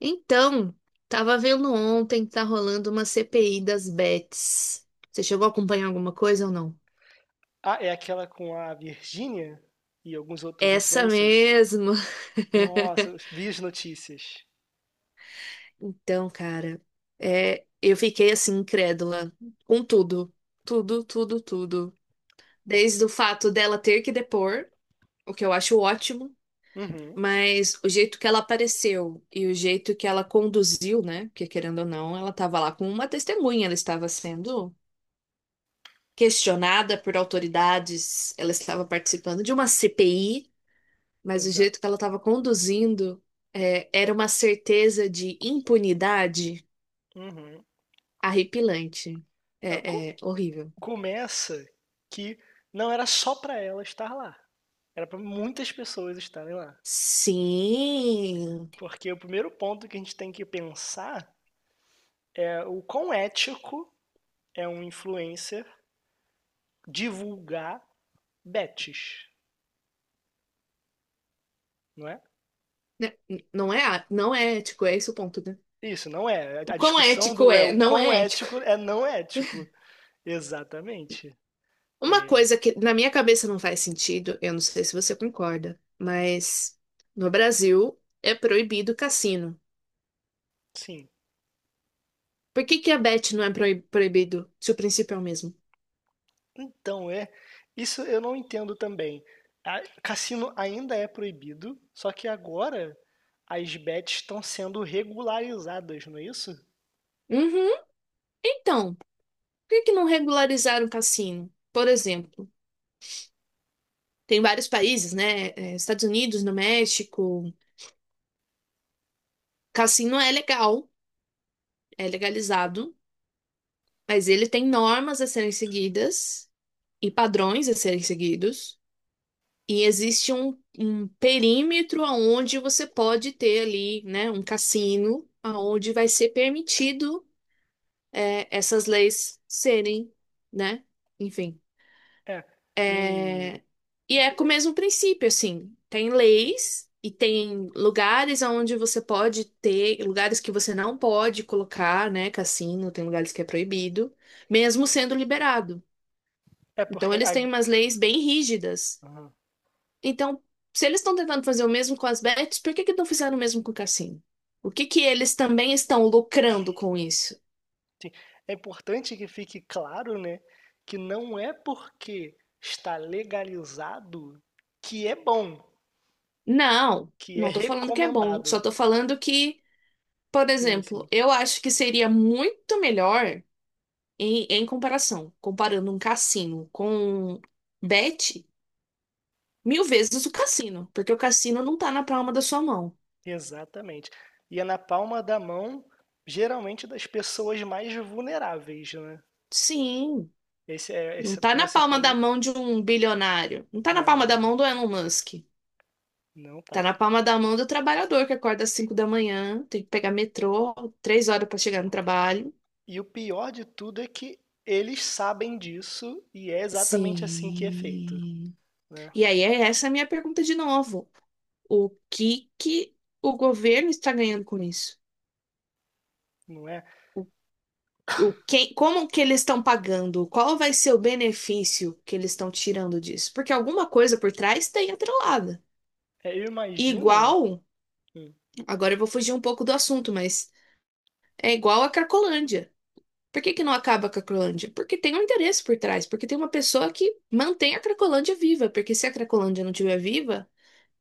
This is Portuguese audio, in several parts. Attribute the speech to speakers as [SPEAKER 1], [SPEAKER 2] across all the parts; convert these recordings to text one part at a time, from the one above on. [SPEAKER 1] Então, tava vendo ontem que tá rolando uma CPI das bets. Você chegou a acompanhar alguma coisa ou não?
[SPEAKER 2] Ah, é aquela com a Virgínia e alguns outros
[SPEAKER 1] Essa
[SPEAKER 2] influencers?
[SPEAKER 1] mesmo.
[SPEAKER 2] Nossa, eu vi as notícias.
[SPEAKER 1] Então, cara, é, eu fiquei assim incrédula com tudo, tudo, tudo, tudo.
[SPEAKER 2] Ah,
[SPEAKER 1] Desde o fato dela ter que depor, o que eu acho ótimo,
[SPEAKER 2] uhum,
[SPEAKER 1] mas o jeito que ela apareceu e o jeito que ela conduziu, né? Porque querendo ou não, ela estava lá com uma testemunha, ela estava sendo questionada por autoridades. Ela estava participando de uma CPI, mas o jeito que
[SPEAKER 2] exato.
[SPEAKER 1] ela estava conduzindo era uma certeza de impunidade
[SPEAKER 2] Uhum.
[SPEAKER 1] arrepilante.
[SPEAKER 2] Ah, co-
[SPEAKER 1] É, é horrível.
[SPEAKER 2] Começa que não era só pra ela estar lá, era pra muitas pessoas estarem lá.
[SPEAKER 1] Sim.
[SPEAKER 2] Porque o primeiro ponto que a gente tem que pensar é o quão ético é um influencer divulgar bets, não é?
[SPEAKER 1] Né, não é, não é ético, é esse o ponto, né?
[SPEAKER 2] Isso, não é.
[SPEAKER 1] O
[SPEAKER 2] A
[SPEAKER 1] quão
[SPEAKER 2] discussão
[SPEAKER 1] ético
[SPEAKER 2] do é
[SPEAKER 1] é?
[SPEAKER 2] o
[SPEAKER 1] Não
[SPEAKER 2] quão
[SPEAKER 1] é ético.
[SPEAKER 2] ético é não ético. Exatamente.
[SPEAKER 1] Uma coisa que na minha cabeça não faz sentido, eu não sei se você concorda, mas no Brasil é proibido cassino.
[SPEAKER 2] Sim.
[SPEAKER 1] Por que que a bet não é proibido, se o princípio é o mesmo?
[SPEAKER 2] Então, é. Isso eu não entendo também. A- cassino ainda é proibido, só que agora as bets estão sendo regularizadas, não é isso?
[SPEAKER 1] Uhum. Então, por que que não regularizaram o cassino? Por exemplo, tem vários países, né? É, Estados Unidos, no México, cassino é legal, é legalizado, mas ele tem normas a serem seguidas e padrões a serem seguidos. E existe um perímetro aonde você pode ter ali, né, um cassino, aonde vai ser permitido, é, essas leis serem, né? Enfim.
[SPEAKER 2] É. E
[SPEAKER 1] E é com o mesmo princípio, assim. Tem leis e tem lugares onde você pode ter, lugares que você não pode colocar, né? Cassino, tem lugares que é proibido, mesmo sendo liberado.
[SPEAKER 2] é
[SPEAKER 1] Então, eles têm umas leis bem rígidas.
[SPEAKER 2] aham.
[SPEAKER 1] Então, se eles estão tentando fazer o mesmo com as bets, por que que não fizeram o mesmo com o cassino? O que que eles também estão lucrando com isso?
[SPEAKER 2] É importante que fique claro, né, que não é porque está legalizado que é bom,
[SPEAKER 1] Não,
[SPEAKER 2] que é
[SPEAKER 1] não tô falando que é bom, só
[SPEAKER 2] recomendado.
[SPEAKER 1] tô falando que, por
[SPEAKER 2] Sim,
[SPEAKER 1] exemplo,
[SPEAKER 2] sim.
[SPEAKER 1] eu acho que seria muito melhor. Em comparação, comparando um cassino com bet, mil vezes o cassino, porque o cassino não tá na palma da sua mão.
[SPEAKER 2] Exatamente. E é na palma da mão, geralmente das pessoas mais vulneráveis, né?
[SPEAKER 1] Sim, não
[SPEAKER 2] Esse é o
[SPEAKER 1] tá
[SPEAKER 2] que
[SPEAKER 1] na
[SPEAKER 2] você
[SPEAKER 1] palma da
[SPEAKER 2] falou.
[SPEAKER 1] mão de um bilionário, não tá na palma
[SPEAKER 2] Não,
[SPEAKER 1] da
[SPEAKER 2] não,
[SPEAKER 1] mão do Elon Musk.
[SPEAKER 2] não
[SPEAKER 1] Tá
[SPEAKER 2] tá.
[SPEAKER 1] na palma da mão do trabalhador que acorda às 5 da manhã, tem que pegar metrô, 3 horas pra chegar no trabalho.
[SPEAKER 2] E o pior de tudo é que eles sabem disso e é exatamente assim que é feito,
[SPEAKER 1] Sim.
[SPEAKER 2] né?
[SPEAKER 1] E aí, é essa é a minha pergunta de novo. O que que o governo está ganhando com isso?
[SPEAKER 2] Não é?
[SPEAKER 1] Como que eles estão pagando? Qual vai ser o benefício que eles estão tirando disso? Porque alguma coisa por trás tem atrelada.
[SPEAKER 2] É, eu
[SPEAKER 1] E
[SPEAKER 2] imagino.
[SPEAKER 1] igual,
[SPEAKER 2] Hum,
[SPEAKER 1] agora eu vou fugir um pouco do assunto, mas é igual a Cracolândia. Por que que não acaba a Cracolândia? Porque tem um interesse por trás, porque tem uma pessoa que mantém a Cracolândia viva, porque se a Cracolândia não estiver viva,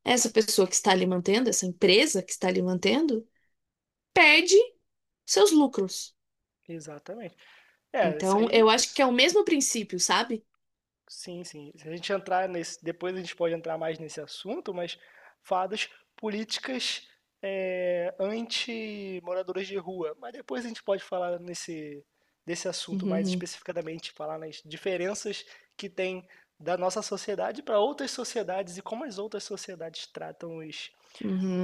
[SPEAKER 1] essa pessoa que está ali mantendo, essa empresa que está ali mantendo, perde seus lucros.
[SPEAKER 2] exatamente. É, isso
[SPEAKER 1] Então,
[SPEAKER 2] aí.
[SPEAKER 1] eu acho que é o mesmo princípio, sabe?
[SPEAKER 2] Sim, sim. Se a gente entrar nesse, depois a gente pode entrar mais nesse assunto, mas fadas políticas, anti-moradores de rua. Mas depois a gente pode falar nesse, desse assunto mais
[SPEAKER 1] Uhum.
[SPEAKER 2] especificadamente, falar nas diferenças que tem da nossa sociedade para outras sociedades e como as outras sociedades tratam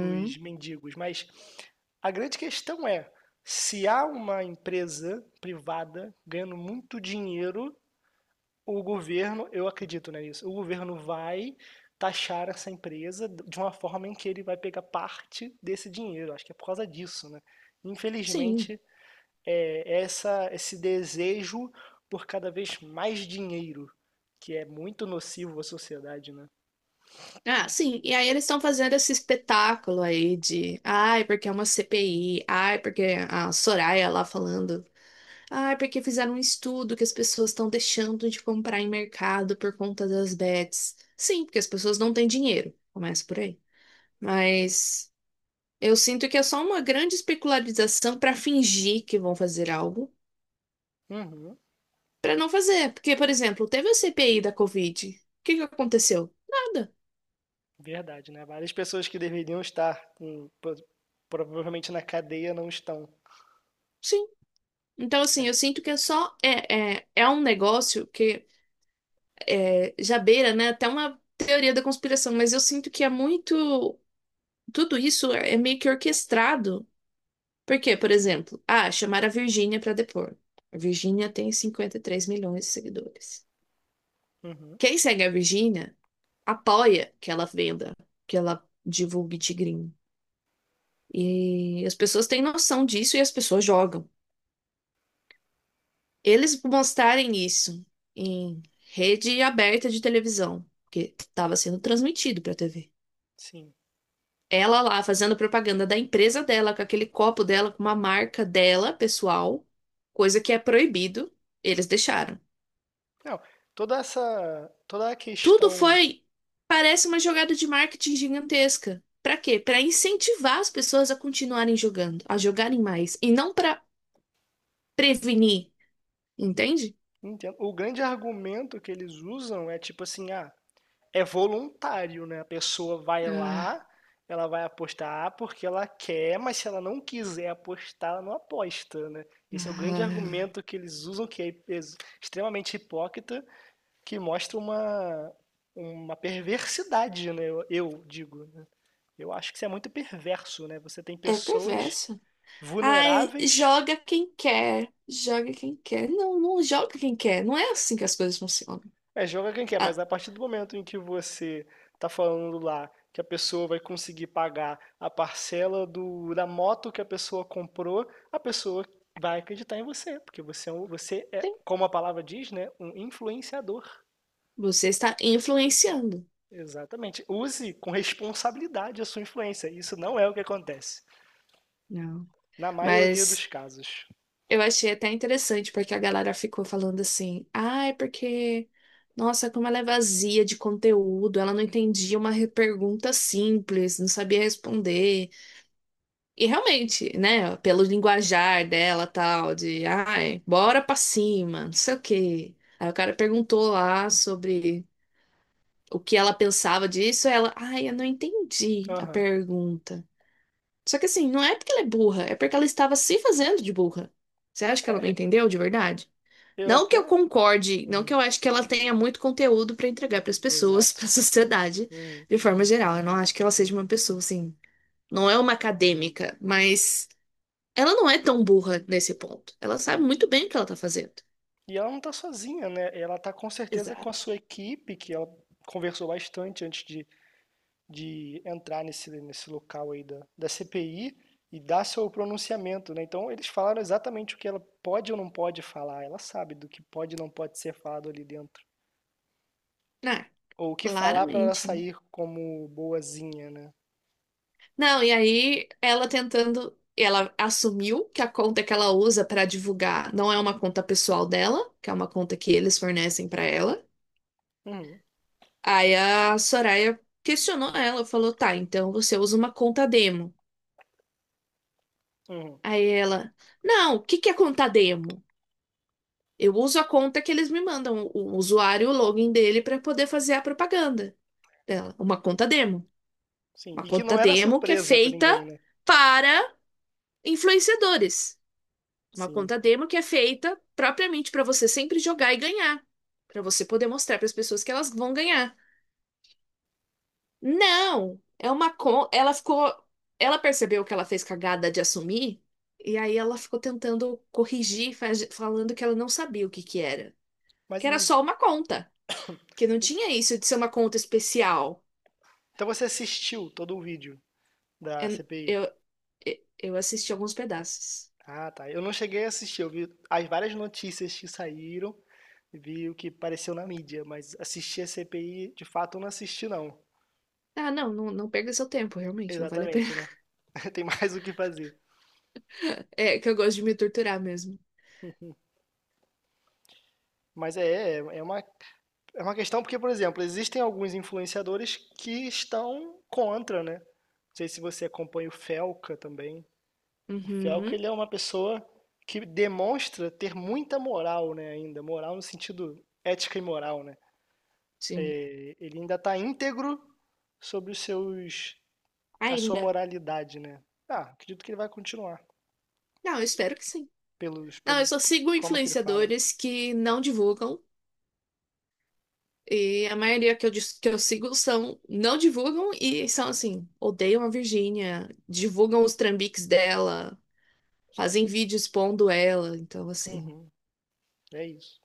[SPEAKER 2] os mendigos. Mas a grande questão é, se há uma empresa privada ganhando muito dinheiro, o governo, eu acredito né, nisso, o governo vai taxar essa empresa de uma forma em que ele vai pegar parte desse dinheiro. Acho que é por causa disso, né? Infelizmente,
[SPEAKER 1] Sim.
[SPEAKER 2] é essa, esse desejo por cada vez mais dinheiro, que é muito nocivo à sociedade, né?
[SPEAKER 1] Ah, sim. E aí eles estão fazendo esse espetáculo aí de, ai, porque é uma CPI, ai, porque a Soraya lá falando, ai, porque fizeram um estudo que as pessoas estão deixando de comprar em mercado por conta das bets. Sim, porque as pessoas não têm dinheiro. Começa por aí. Mas eu sinto que é só uma grande especularização para fingir que vão fazer algo,
[SPEAKER 2] Uhum,
[SPEAKER 1] para não fazer. Porque, por exemplo, teve a CPI da Covid. O que que aconteceu? Nada.
[SPEAKER 2] verdade, né? Várias pessoas que deveriam estar provavelmente na cadeia não estão.
[SPEAKER 1] Então, assim,
[SPEAKER 2] É.
[SPEAKER 1] eu sinto que é só é um negócio que já beira, né, até uma teoria da conspiração, mas eu sinto que é muito. Tudo isso é meio que orquestrado. Por quê? Por exemplo, chamar a Virgínia para depor. A Virgínia tem 53 milhões de seguidores.
[SPEAKER 2] Uhum,
[SPEAKER 1] Quem segue a Virgínia apoia que ela venda, que ela divulgue Tigrinho. E as pessoas têm noção disso e as pessoas jogam. Eles mostrarem isso em rede aberta de televisão, porque estava sendo transmitido para a TV.
[SPEAKER 2] sim.
[SPEAKER 1] Ela lá fazendo propaganda da empresa dela, com aquele copo dela, com uma marca dela, pessoal, coisa que é proibido, eles deixaram.
[SPEAKER 2] Não, toda essa, toda a
[SPEAKER 1] Tudo
[SPEAKER 2] questão.
[SPEAKER 1] foi, parece uma jogada de marketing gigantesca. Para quê? Para incentivar as pessoas a continuarem jogando, a jogarem mais, e não para prevenir, entende?
[SPEAKER 2] Entendo. O grande argumento que eles usam é tipo assim, ah, é voluntário, né? A pessoa vai
[SPEAKER 1] Ah,
[SPEAKER 2] lá, ela vai apostar porque ela quer, mas se ela não quiser apostar, ela não aposta, né? Esse é o grande
[SPEAKER 1] ah,
[SPEAKER 2] argumento que eles usam, que extremamente hipócrita, que mostra uma perversidade, né? Eu digo, né? Eu acho que isso é muito perverso, né? Você tem
[SPEAKER 1] é
[SPEAKER 2] pessoas
[SPEAKER 1] perverso. Ai,
[SPEAKER 2] vulneráveis.
[SPEAKER 1] joga quem quer. Joga quem quer. Não, não joga quem quer. Não é assim que as coisas funcionam.
[SPEAKER 2] É, joga quem quer,
[SPEAKER 1] Ah,
[SPEAKER 2] mas a partir do momento em que você tá falando lá que a pessoa vai conseguir pagar a parcela do, da moto que a pessoa comprou, a pessoa vai acreditar em você, porque você, é você é,
[SPEAKER 1] sim,
[SPEAKER 2] como a palavra diz, né, um influenciador.
[SPEAKER 1] você está influenciando.
[SPEAKER 2] Exatamente. Use com responsabilidade a sua influência. Isso não é o que acontece,
[SPEAKER 1] Não.
[SPEAKER 2] na maioria dos
[SPEAKER 1] Mas
[SPEAKER 2] casos.
[SPEAKER 1] eu achei até interessante, porque a galera ficou falando assim, ai, porque. Nossa, como ela é vazia de conteúdo, ela não entendia uma pergunta simples, não sabia responder. E realmente, né, pelo linguajar dela, tal, de, ai, bora pra cima, não sei o quê. Aí o cara perguntou lá sobre o que ela pensava disso, ela, ai, eu não entendi a
[SPEAKER 2] Aham.
[SPEAKER 1] pergunta. Só que assim, não é porque ela é burra, é porque ela estava se fazendo de burra. Você acha que
[SPEAKER 2] É,
[SPEAKER 1] ela não
[SPEAKER 2] e-
[SPEAKER 1] entendeu de verdade?
[SPEAKER 2] eu
[SPEAKER 1] Não que eu
[SPEAKER 2] até.
[SPEAKER 1] concorde, não que
[SPEAKER 2] Uhum,
[SPEAKER 1] eu acho que ela tenha muito conteúdo pra entregar pras pessoas,
[SPEAKER 2] exato.
[SPEAKER 1] pra sociedade,
[SPEAKER 2] Uhum.
[SPEAKER 1] de forma geral. Eu não acho que ela seja uma pessoa assim, não é uma acadêmica, mas ela não é tão burra nesse ponto. Ela sabe muito bem o que ela tá fazendo.
[SPEAKER 2] E ela não está sozinha, né? Ela está com certeza com a
[SPEAKER 1] Exato.
[SPEAKER 2] sua equipe, que ela conversou bastante antes de entrar nesse, nesse local aí da, da CPI e dar seu pronunciamento, né? Então eles falaram exatamente o que ela pode ou não pode falar. Ela sabe do que pode e não pode ser falado ali dentro.
[SPEAKER 1] Ah,
[SPEAKER 2] Ou o que falar para ela
[SPEAKER 1] claramente, né?
[SPEAKER 2] sair como boazinha, né?
[SPEAKER 1] Não, e aí ela tentando. Ela assumiu que a conta que ela usa pra divulgar não é uma conta pessoal dela, que é uma conta que eles fornecem pra ela.
[SPEAKER 2] Uhum,
[SPEAKER 1] Aí a Soraya questionou ela, falou: tá, então você usa uma conta demo.
[SPEAKER 2] uhum,
[SPEAKER 1] Aí ela: não, o que que é conta demo? Eu uso a conta que eles me mandam, o usuário, o login dele, pra poder fazer a propaganda dela, uma conta demo.
[SPEAKER 2] sim.
[SPEAKER 1] Uma
[SPEAKER 2] E que não
[SPEAKER 1] conta
[SPEAKER 2] era
[SPEAKER 1] demo que é
[SPEAKER 2] surpresa para
[SPEAKER 1] feita
[SPEAKER 2] ninguém, né?
[SPEAKER 1] para influenciadores. Uma
[SPEAKER 2] Sim.
[SPEAKER 1] conta demo que é feita propriamente para você sempre jogar e ganhar, para você poder mostrar para as pessoas que elas vão ganhar. Não, ela ficou, ela percebeu que ela fez cagada de assumir e aí ela ficou tentando corrigir, falando que ela não sabia o que
[SPEAKER 2] Mas
[SPEAKER 1] que era
[SPEAKER 2] em-
[SPEAKER 1] só uma conta, que não tinha isso de ser uma conta especial.
[SPEAKER 2] então você assistiu todo o vídeo da
[SPEAKER 1] É-
[SPEAKER 2] CPI?
[SPEAKER 1] Eu, eu assisti alguns pedaços.
[SPEAKER 2] Ah, tá. Eu não cheguei a assistir, eu vi as várias notícias que saíram, vi o que apareceu na mídia, mas assistir a CPI, de fato, eu não assisti, não.
[SPEAKER 1] Ah, não, não, não perca seu tempo, realmente, não vale a pena.
[SPEAKER 2] Exatamente, né? Tem mais o que fazer.
[SPEAKER 1] É que eu gosto de me torturar mesmo.
[SPEAKER 2] Mas é uma questão porque, por exemplo, existem alguns influenciadores que estão contra, né? Não sei se você acompanha o Felca também. O Felca,
[SPEAKER 1] Uhum,
[SPEAKER 2] ele é uma pessoa que demonstra ter muita moral, né, ainda. Moral no sentido ética e moral, né?
[SPEAKER 1] sim.
[SPEAKER 2] Ele ainda está íntegro sobre os seus a sua
[SPEAKER 1] Ainda.
[SPEAKER 2] moralidade, né? Ah, acredito que ele vai continuar
[SPEAKER 1] Não, eu espero que sim. Não,
[SPEAKER 2] pelo
[SPEAKER 1] eu só sigo
[SPEAKER 2] como que ele fala.
[SPEAKER 1] influenciadores que não divulgam. E a maioria que eu sigo são não divulgam e são assim, odeiam a Virgínia, divulgam os trambiques dela, fazem vídeo expondo ela. Então, assim,
[SPEAKER 2] Uhum, é isso.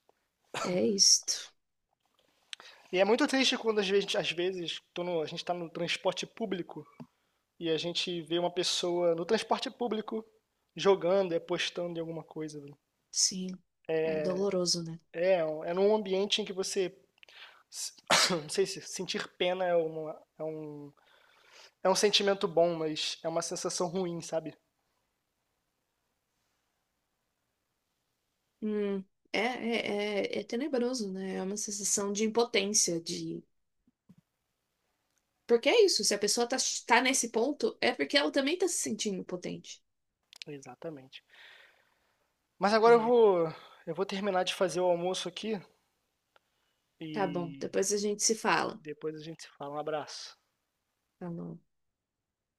[SPEAKER 1] é isto.
[SPEAKER 2] E é muito triste quando às vezes tô no- a gente está no transporte público e a gente vê uma pessoa no transporte público jogando, é postando em alguma coisa. Velho.
[SPEAKER 1] Sim, é doloroso, né?
[SPEAKER 2] É, é num ambiente em que você se- não sei se sentir pena é é um, é um sentimento bom, mas é uma sensação ruim, sabe?
[SPEAKER 1] Hum, é tenebroso, né? É uma sensação de impotência, de Porque é isso, se a pessoa tá, tá nesse ponto, é porque ela também tá se sentindo potente.
[SPEAKER 2] Exatamente. Mas agora
[SPEAKER 1] É,
[SPEAKER 2] eu vou terminar de fazer o almoço aqui
[SPEAKER 1] tá bom,
[SPEAKER 2] e
[SPEAKER 1] depois a gente se fala.
[SPEAKER 2] depois a gente se fala. Um abraço.
[SPEAKER 1] Falou.